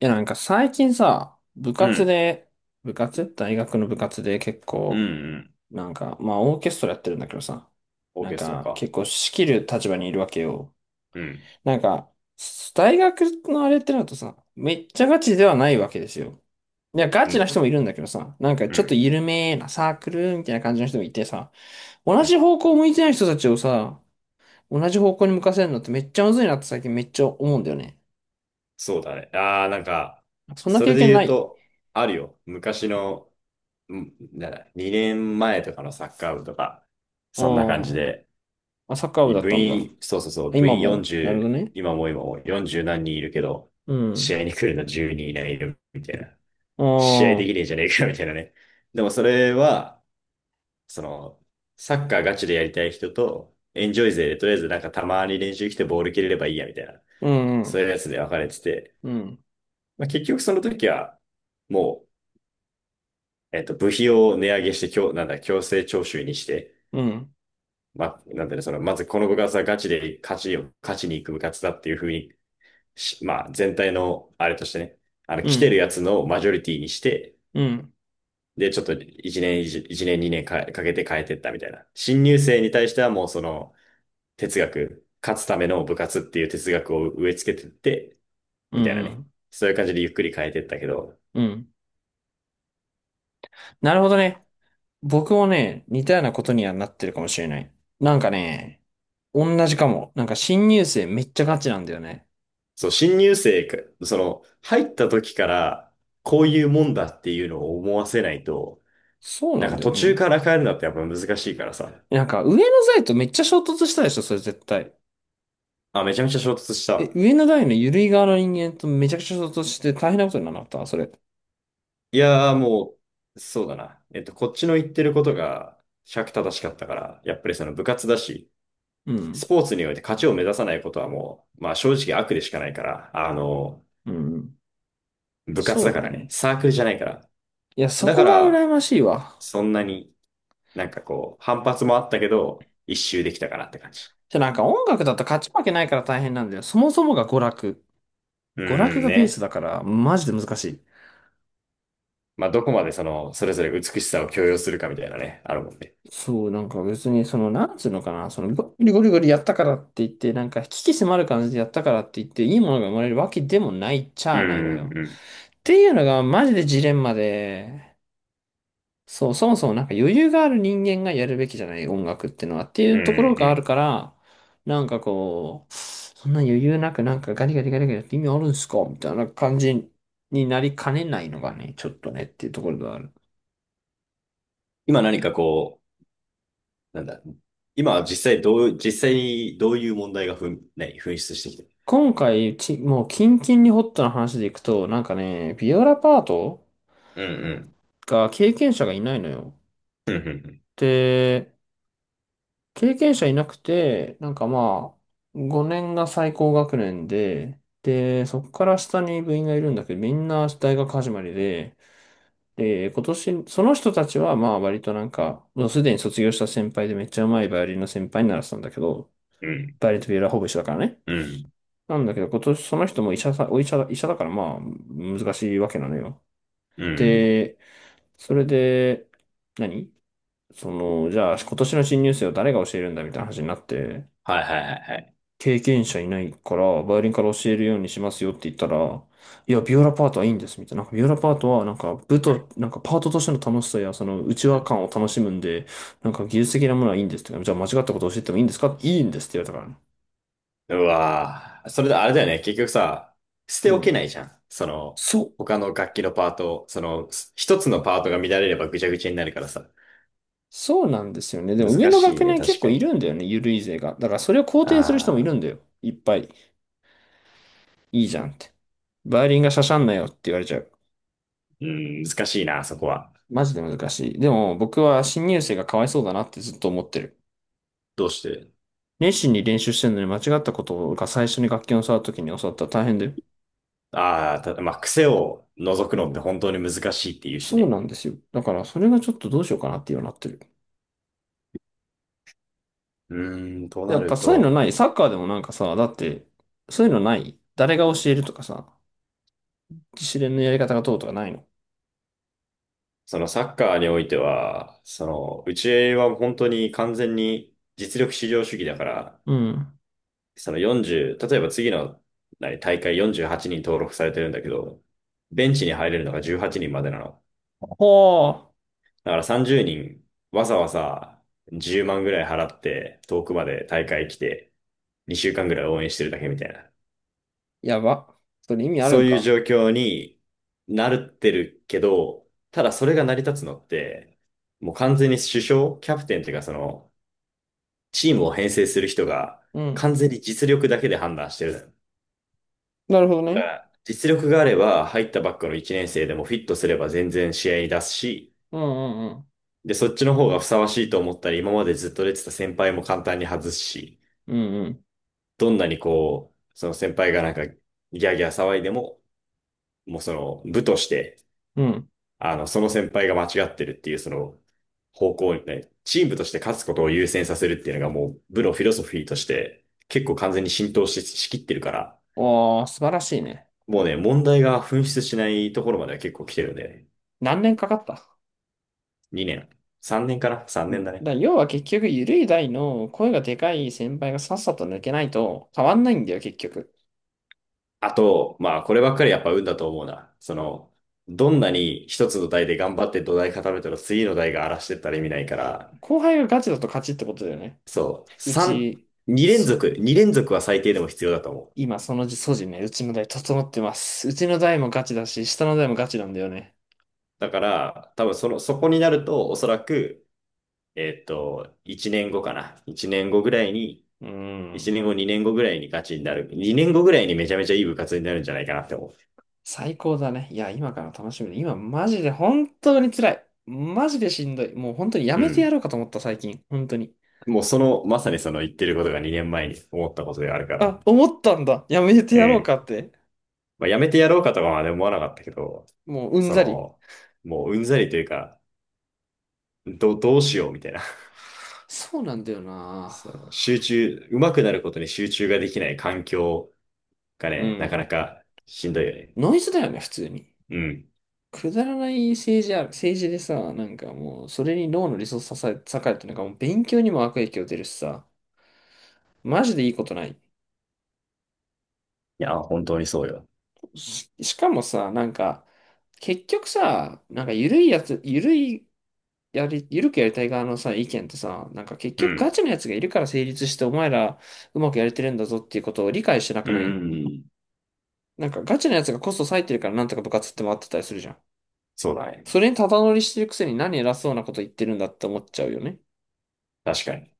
いや、なんか最近さ、部う活ん、で、部活大学の部活で結うん、う構、ん。なんか、まあオーケストラやってるんだけどさ、オーなんケストラかか。結構仕切る立場にいるわけよ。うん、なんか、大学のあれってなるとさ、めっちゃガチではないわけですよ。いや、ガうチなん、人もいるんだけどさ、なんかうちょっとん、緩めなサークルみたいな感じの人もいてさ、同うん。じ方向向いてない人たちをさ、同じ方向に向かせるのってめっちゃむずいなって最近めっちゃ思うんだよね。そうだね。ああ、なんか、そんなそれ経で験な言ういと、あるよ。昔の、うんなんだ、2年前とかのサッカー部とか、うん。そんな感じまで、あ、サッカー部だったんだ。そうそうそう、部今員も。なるほど40、ね。今も40何人いるけど、う試ん。合に来るの10人いないいるみたいな。試合であきあ、ねえじゃねえかみたいなね。でもそれは、その、サッカーガチでやりたい人と、エンジョイ勢でとりあえずなんかたまに練習来てボール蹴れればいいやみたいな、うん、うそうん、いうやつで分かれてて、うん、まあ、結局その時は、もう、部費を値上げして、強、なんだ、強制徴収にして、うん、まあ、なんだね、その、まずこの部活はガチで勝ちに行く部活だっていうふうにし、まあ、全体の、あれとしてね、あの、う来てるん、やつのマジョリティにして、うん、で、ちょっと1年、2年か、かけて変えてったみたいな。新入生に対してはもうその、哲学、勝つための部活っていう哲学を植え付けてって、うみたいなね。ん。そういう感じでゆっくり変えてったけど、うんなるほどね。僕もね、似たようなことにはなってるかもしれない。なんかね、同じかも。なんか新入生めっちゃガチなんだよね。そう、新入生か、その、入った時から、こういうもんだっていうのを思わせないと、そうななんんかだよ途中ね。から変えるのってやっぱ難しいからさ。なんか上の代とめっちゃ衝突したでしょ、それ絶対。あ、めちゃめちゃ衝突しえ、た。上の代の緩い側の人間とめちゃくちゃ衝突して大変なことになった、それ。いやーもう、そうだな。こっちの言ってることが、尺正しかったから、やっぱりその部活だし、うスん。ポーツにおいて勝ちを目指さないことはもう、まあ正直悪でしかないから、あの、うん。部活そだうかだらね。ね。サークルじゃないから。いや、そだかこが羨ら、ましいわ。そんなになんかこう、反発もあったけど、一周できたかなって感じ。じゃなんか音楽だと勝ち負けないから大変なんだよ。そもそもが娯楽。うー娯楽んがベースね。だから、マジで難しい。まあ、どこまでその、それぞれ美しさを強要するかみたいなね、あるもんね。そう、なんか別に、その、なんつうのかな、その、ゴリゴリゴリやったからって言って、なんか、鬼気迫る感じでやったからって言って、いいものが生まれるわけでもないっちうゃあないのん、よ。うん、っていうのが、マジでジレンマで、そう、そもそもなんか余裕がある人間がやるべきじゃない音楽ってのはっていうん、うところうがあるん。から、なんかこう、そんな余裕なくなんかガリガリガリガリやって意味あるんですかみたいな感じになりかねないのがね、ちょっとねっていうところがある。今何かこう、なんだ、今は実際にどういう問題がふん、何、噴出してきてる。今回、もうキンキンにホットな話でいくと、なんかね、ビオラパートうん、が経験者がいないのよ。うん、うん、で、経験者いなくて、なんかまあ、5年が最高学年で、で、そこから下に部員がいるんだけど、みんな大学始まりで、で、今年、その人たちはまあ割となんか、もうすでに卒業した先輩でめっちゃうまいバイオリンの先輩にならせたんだけど、うん、バイオリンとビエラホほぼ一緒だからね。うん、なんだけど、今年その人も医者さ、お医者だ、医者だからまあ、難しいわけなのよ。うん、うん。で、それで、何その、じゃあ今年の新入生を誰が教えるんだみたいな話になって、はいはいはいはい。経験者いないから、バイオリンから教えるようにしますよって言ったら、いや、ビオラパートはいいんです、みたいな。なんかビオラパートは、なんか、部と、なんか、パートとしての楽しさや、その、内輪感を楽しむんで、なんか、技術的なものはいいんですとか、じゃあ、間違ったことを教えてもいいんですかいいんですって言われたからね。うわぁ。それであれだよね。結局さ、捨うておけん。ないじゃん。その、そう。他の楽器のパートを、その、一つのパートが乱れればぐちゃぐちゃになるからさ。そうなんですよね。でも、上難のしい学ね、年結確か構いるに。んだよね、ゆるい勢が。だから、それを肯定する人もいあるんだあ、よ。いっぱい。いいじゃんって。バイオリンがしゃしゃんなよって言われちゃう。うん、難しいな、そこは。マジで難しい。でも、僕は新入生がかわいそうだなってずっと思ってる。どうして。熱心に練習してるのに間違ったことが最初に楽器を触るときに教わったら大変だよ。ああー、ただ、まあ、癖を除くうのってん。本当に難しいって言うしそうね。なんですよ。だからそれがちょっとどうしようかなっていうようになってる。うーん、とやなっぱるそういうのと、ない。サッカーでもなんかさ、だって、そういうのない。誰が教えるとかさ、自主練のやり方がどうとかないの。そのサッカーにおいては、その、うちは本当に完全に実力至上主義だから、うん。その40、例えば次の何大会48人登録されてるんだけど、ベンチに入れるのが18人までなの。ほー。だから30人、わざわざ10万ぐらい払って遠くまで大会来て、2週間ぐらい応援してるだけみたいな。やば。それ意味あるそんういうか。状況になってるけど、ただそれが成り立つのって、もう完全に主将、キャプテンっていうかその、チームを編成する人がうん。完全に実力だけで判断してる。なるほどだね。から実力があれば、入ったばっかの1年生でもフィットすれば全然試合に出すし、うんうんで、そっちの方がふさわしいと思ったら今までずっと出てた先輩も簡単に外すし、うん。うんうん。どんなにこう、その先輩がなんかギャーギャー騒いでも、もうその部として、うん。あの、その先輩が間違ってるっていうその方向にね、チームとして勝つことを優先させるっていうのがもう部のフィロソフィーとして結構完全に浸透し、しきってるから、おー、素晴らしいね。もうね、問題が噴出しないところまでは結構来てるんだよね。何年かかった2年。3年かな ?3 年だね。だ要は結局、ゆるい代の声がでかい先輩がさっさと抜けないと変わんないんだよ、結局。あと、まあ、こればっかりやっぱ運だと思うな。その、どんなに一つの台で頑張って土台固めたら次の台が荒らしてったら意味ないから、後輩がガチだと勝ちってことだよね。そう、う3、ち、2連そ続、う、2連続は最低でも必要だと思う。今その素地ね、うちの代整ってます。うちの代もガチだし、下の代もガチなんだよね。だから、多分その、そこになると、おそらく、1年後かな。1年後ぐらいに、う1ん。年後、2年後ぐらいにガチになる。2年後ぐらいにめちゃめちゃいい部活になるんじゃないかなって思最高だね。いや、今から楽しみだ。今、マジで本当に辛い。マジでしんどい。もう本当にやう。うめてやん。ろうかと思った、最近。本当に。もうその、まさにその言ってることが2年前に思ったことであるかあ、ら。思ったんだ。やめてうやろうん。かって。まあ、やめてやろうかとかはね、思わなかったけど、もううんそざり。の、もううんざりというか、どうしようみたいな。そうなんだよな。その上手くなることに集中ができない環境がうね、なかん。なかしんどいよね。ノイズだよね、普通に。うん。くだらない政治でさ、なんかもう、それに脳のリソースささ割て、なんかもう勉強にも悪影響出るしさ、マジでいいことない。いや、本当にそうよ。しかもさ、なんか、結局さ、なんか緩いやつ、緩い、やり、緩くやりたい側のさ、意見ってさ、なんか結う局ガん。チのやつがいるから成立して、お前らうまくやれてるんだぞっていうことを理解してなうくん。ないうんなんかガチのやつがコスト割いてるからなんとか部活って回ってたりするじゃん。そうだね。それにただ乗りしてるくせに何偉そうなこと言ってるんだって思っちゃうよね。確かに。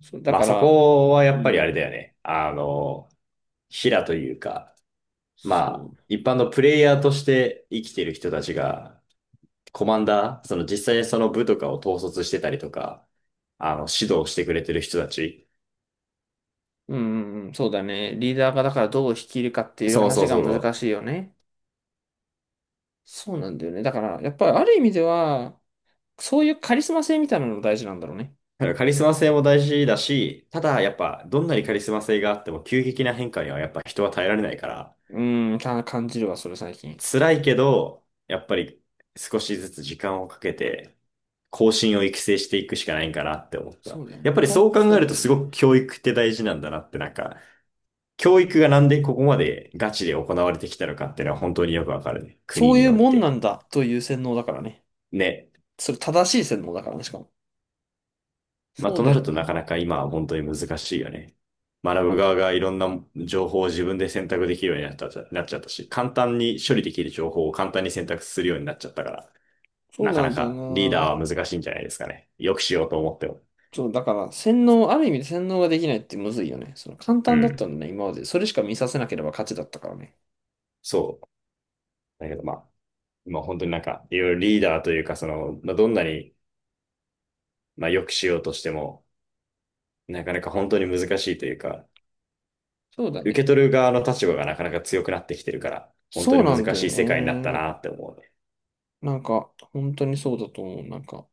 そう、だまあかそら、こはうやっぱりあれだん、よね。あの、平というか、まあそ一般のプレイヤーとして生きてる人たちがコマンダー、その実際その部とかを統率してたりとか、あの、指導してくれてる人たち。う、うん、うん、うんそうだね。リーダーがだからどう率いるかっていうそうそ話うがそうそ難しう。いよね。そうなんだよね。だから、やっぱりある意味では、そういうカリスマ性みたいなのも大事なんだろうね。だからカリスマ性も大事だし、ただやっぱどんなにカリスマ性があっても急激な変化にはやっぱ人は耐えられないから、うん、感じるわ、それ最近。辛いけど、やっぱり少しずつ時間をかけて、後進を育成していくしかないんかなって思った。そうだよやっね。ぱりそこうう、考そうえるだとよすね。ごく教育って大事なんだなってなんか、教育がなんでここまでガチで行われてきたのかっていうのは本当によくわかるね。そ国ういにうおいもんなて。んだという洗脳だからね。ね。それ正しい洗脳だからね、しかも。まあ、そうとだなよるとなかな。なか今は本当に難しいよね。学ぶ側がいろんな情報を自分で選択できるようになった、なっちゃったし、簡単に処理できる情報を簡単に選択するようになっちゃったから、そうなかななんだよかリーダな。ーは難しいんじゃないですかね。よくしようと思っても。そう、だから洗脳、ある意味で洗脳ができないってむずいよね。その簡う単だったん。んだね、今まで。それしか見させなければ勝ちだったからね。そう。だけどまあ、今本当になんか、いろいろリーダーというか、その、まあ、どんなに、まあ、よくしようとしても、なかなか本当に難しいというか、そうだ受けね。取る側の立場がなかなか強くなってきてるから、本当そにうなん難だしよい世界になったね。なって思うね。なんか、本当にそうだと思う。なんか、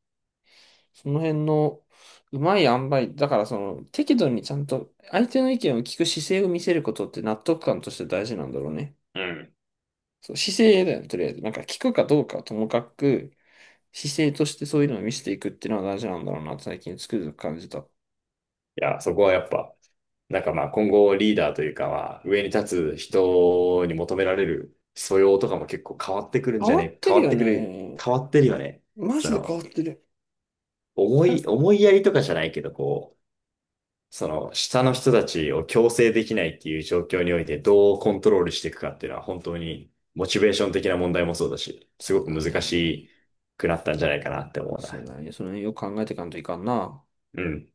その辺のうまい塩梅、だからその、適度にちゃんと相手の意見を聞く姿勢を見せることって納得感として大事なんだろうね。うん。そう、姿勢だよね、とりあえず。なんか聞くかどうかはともかく、姿勢としてそういうのを見せていくっていうのは大事なんだろうな、最近つくづく感じた。いや、そこはやっぱ、なんかまあ今後リーダーというかまあ上に立つ人に求められる素養とかも結構変わってくるん変じゃわっね、て変るわっよてくる、ね。変わってるよね。マそジで変の、わってる。え思いやりとかじゃないけど、こう、その下の人たちを強制できないっていう状況においてどうコントロールしていくかっていうのは本当にモチベーション的な問題もそうだし、すそごうくだ難ね。しくなったんじゃないかなって思うそうな。だね。その辺よく考えていかんといかんな。うん。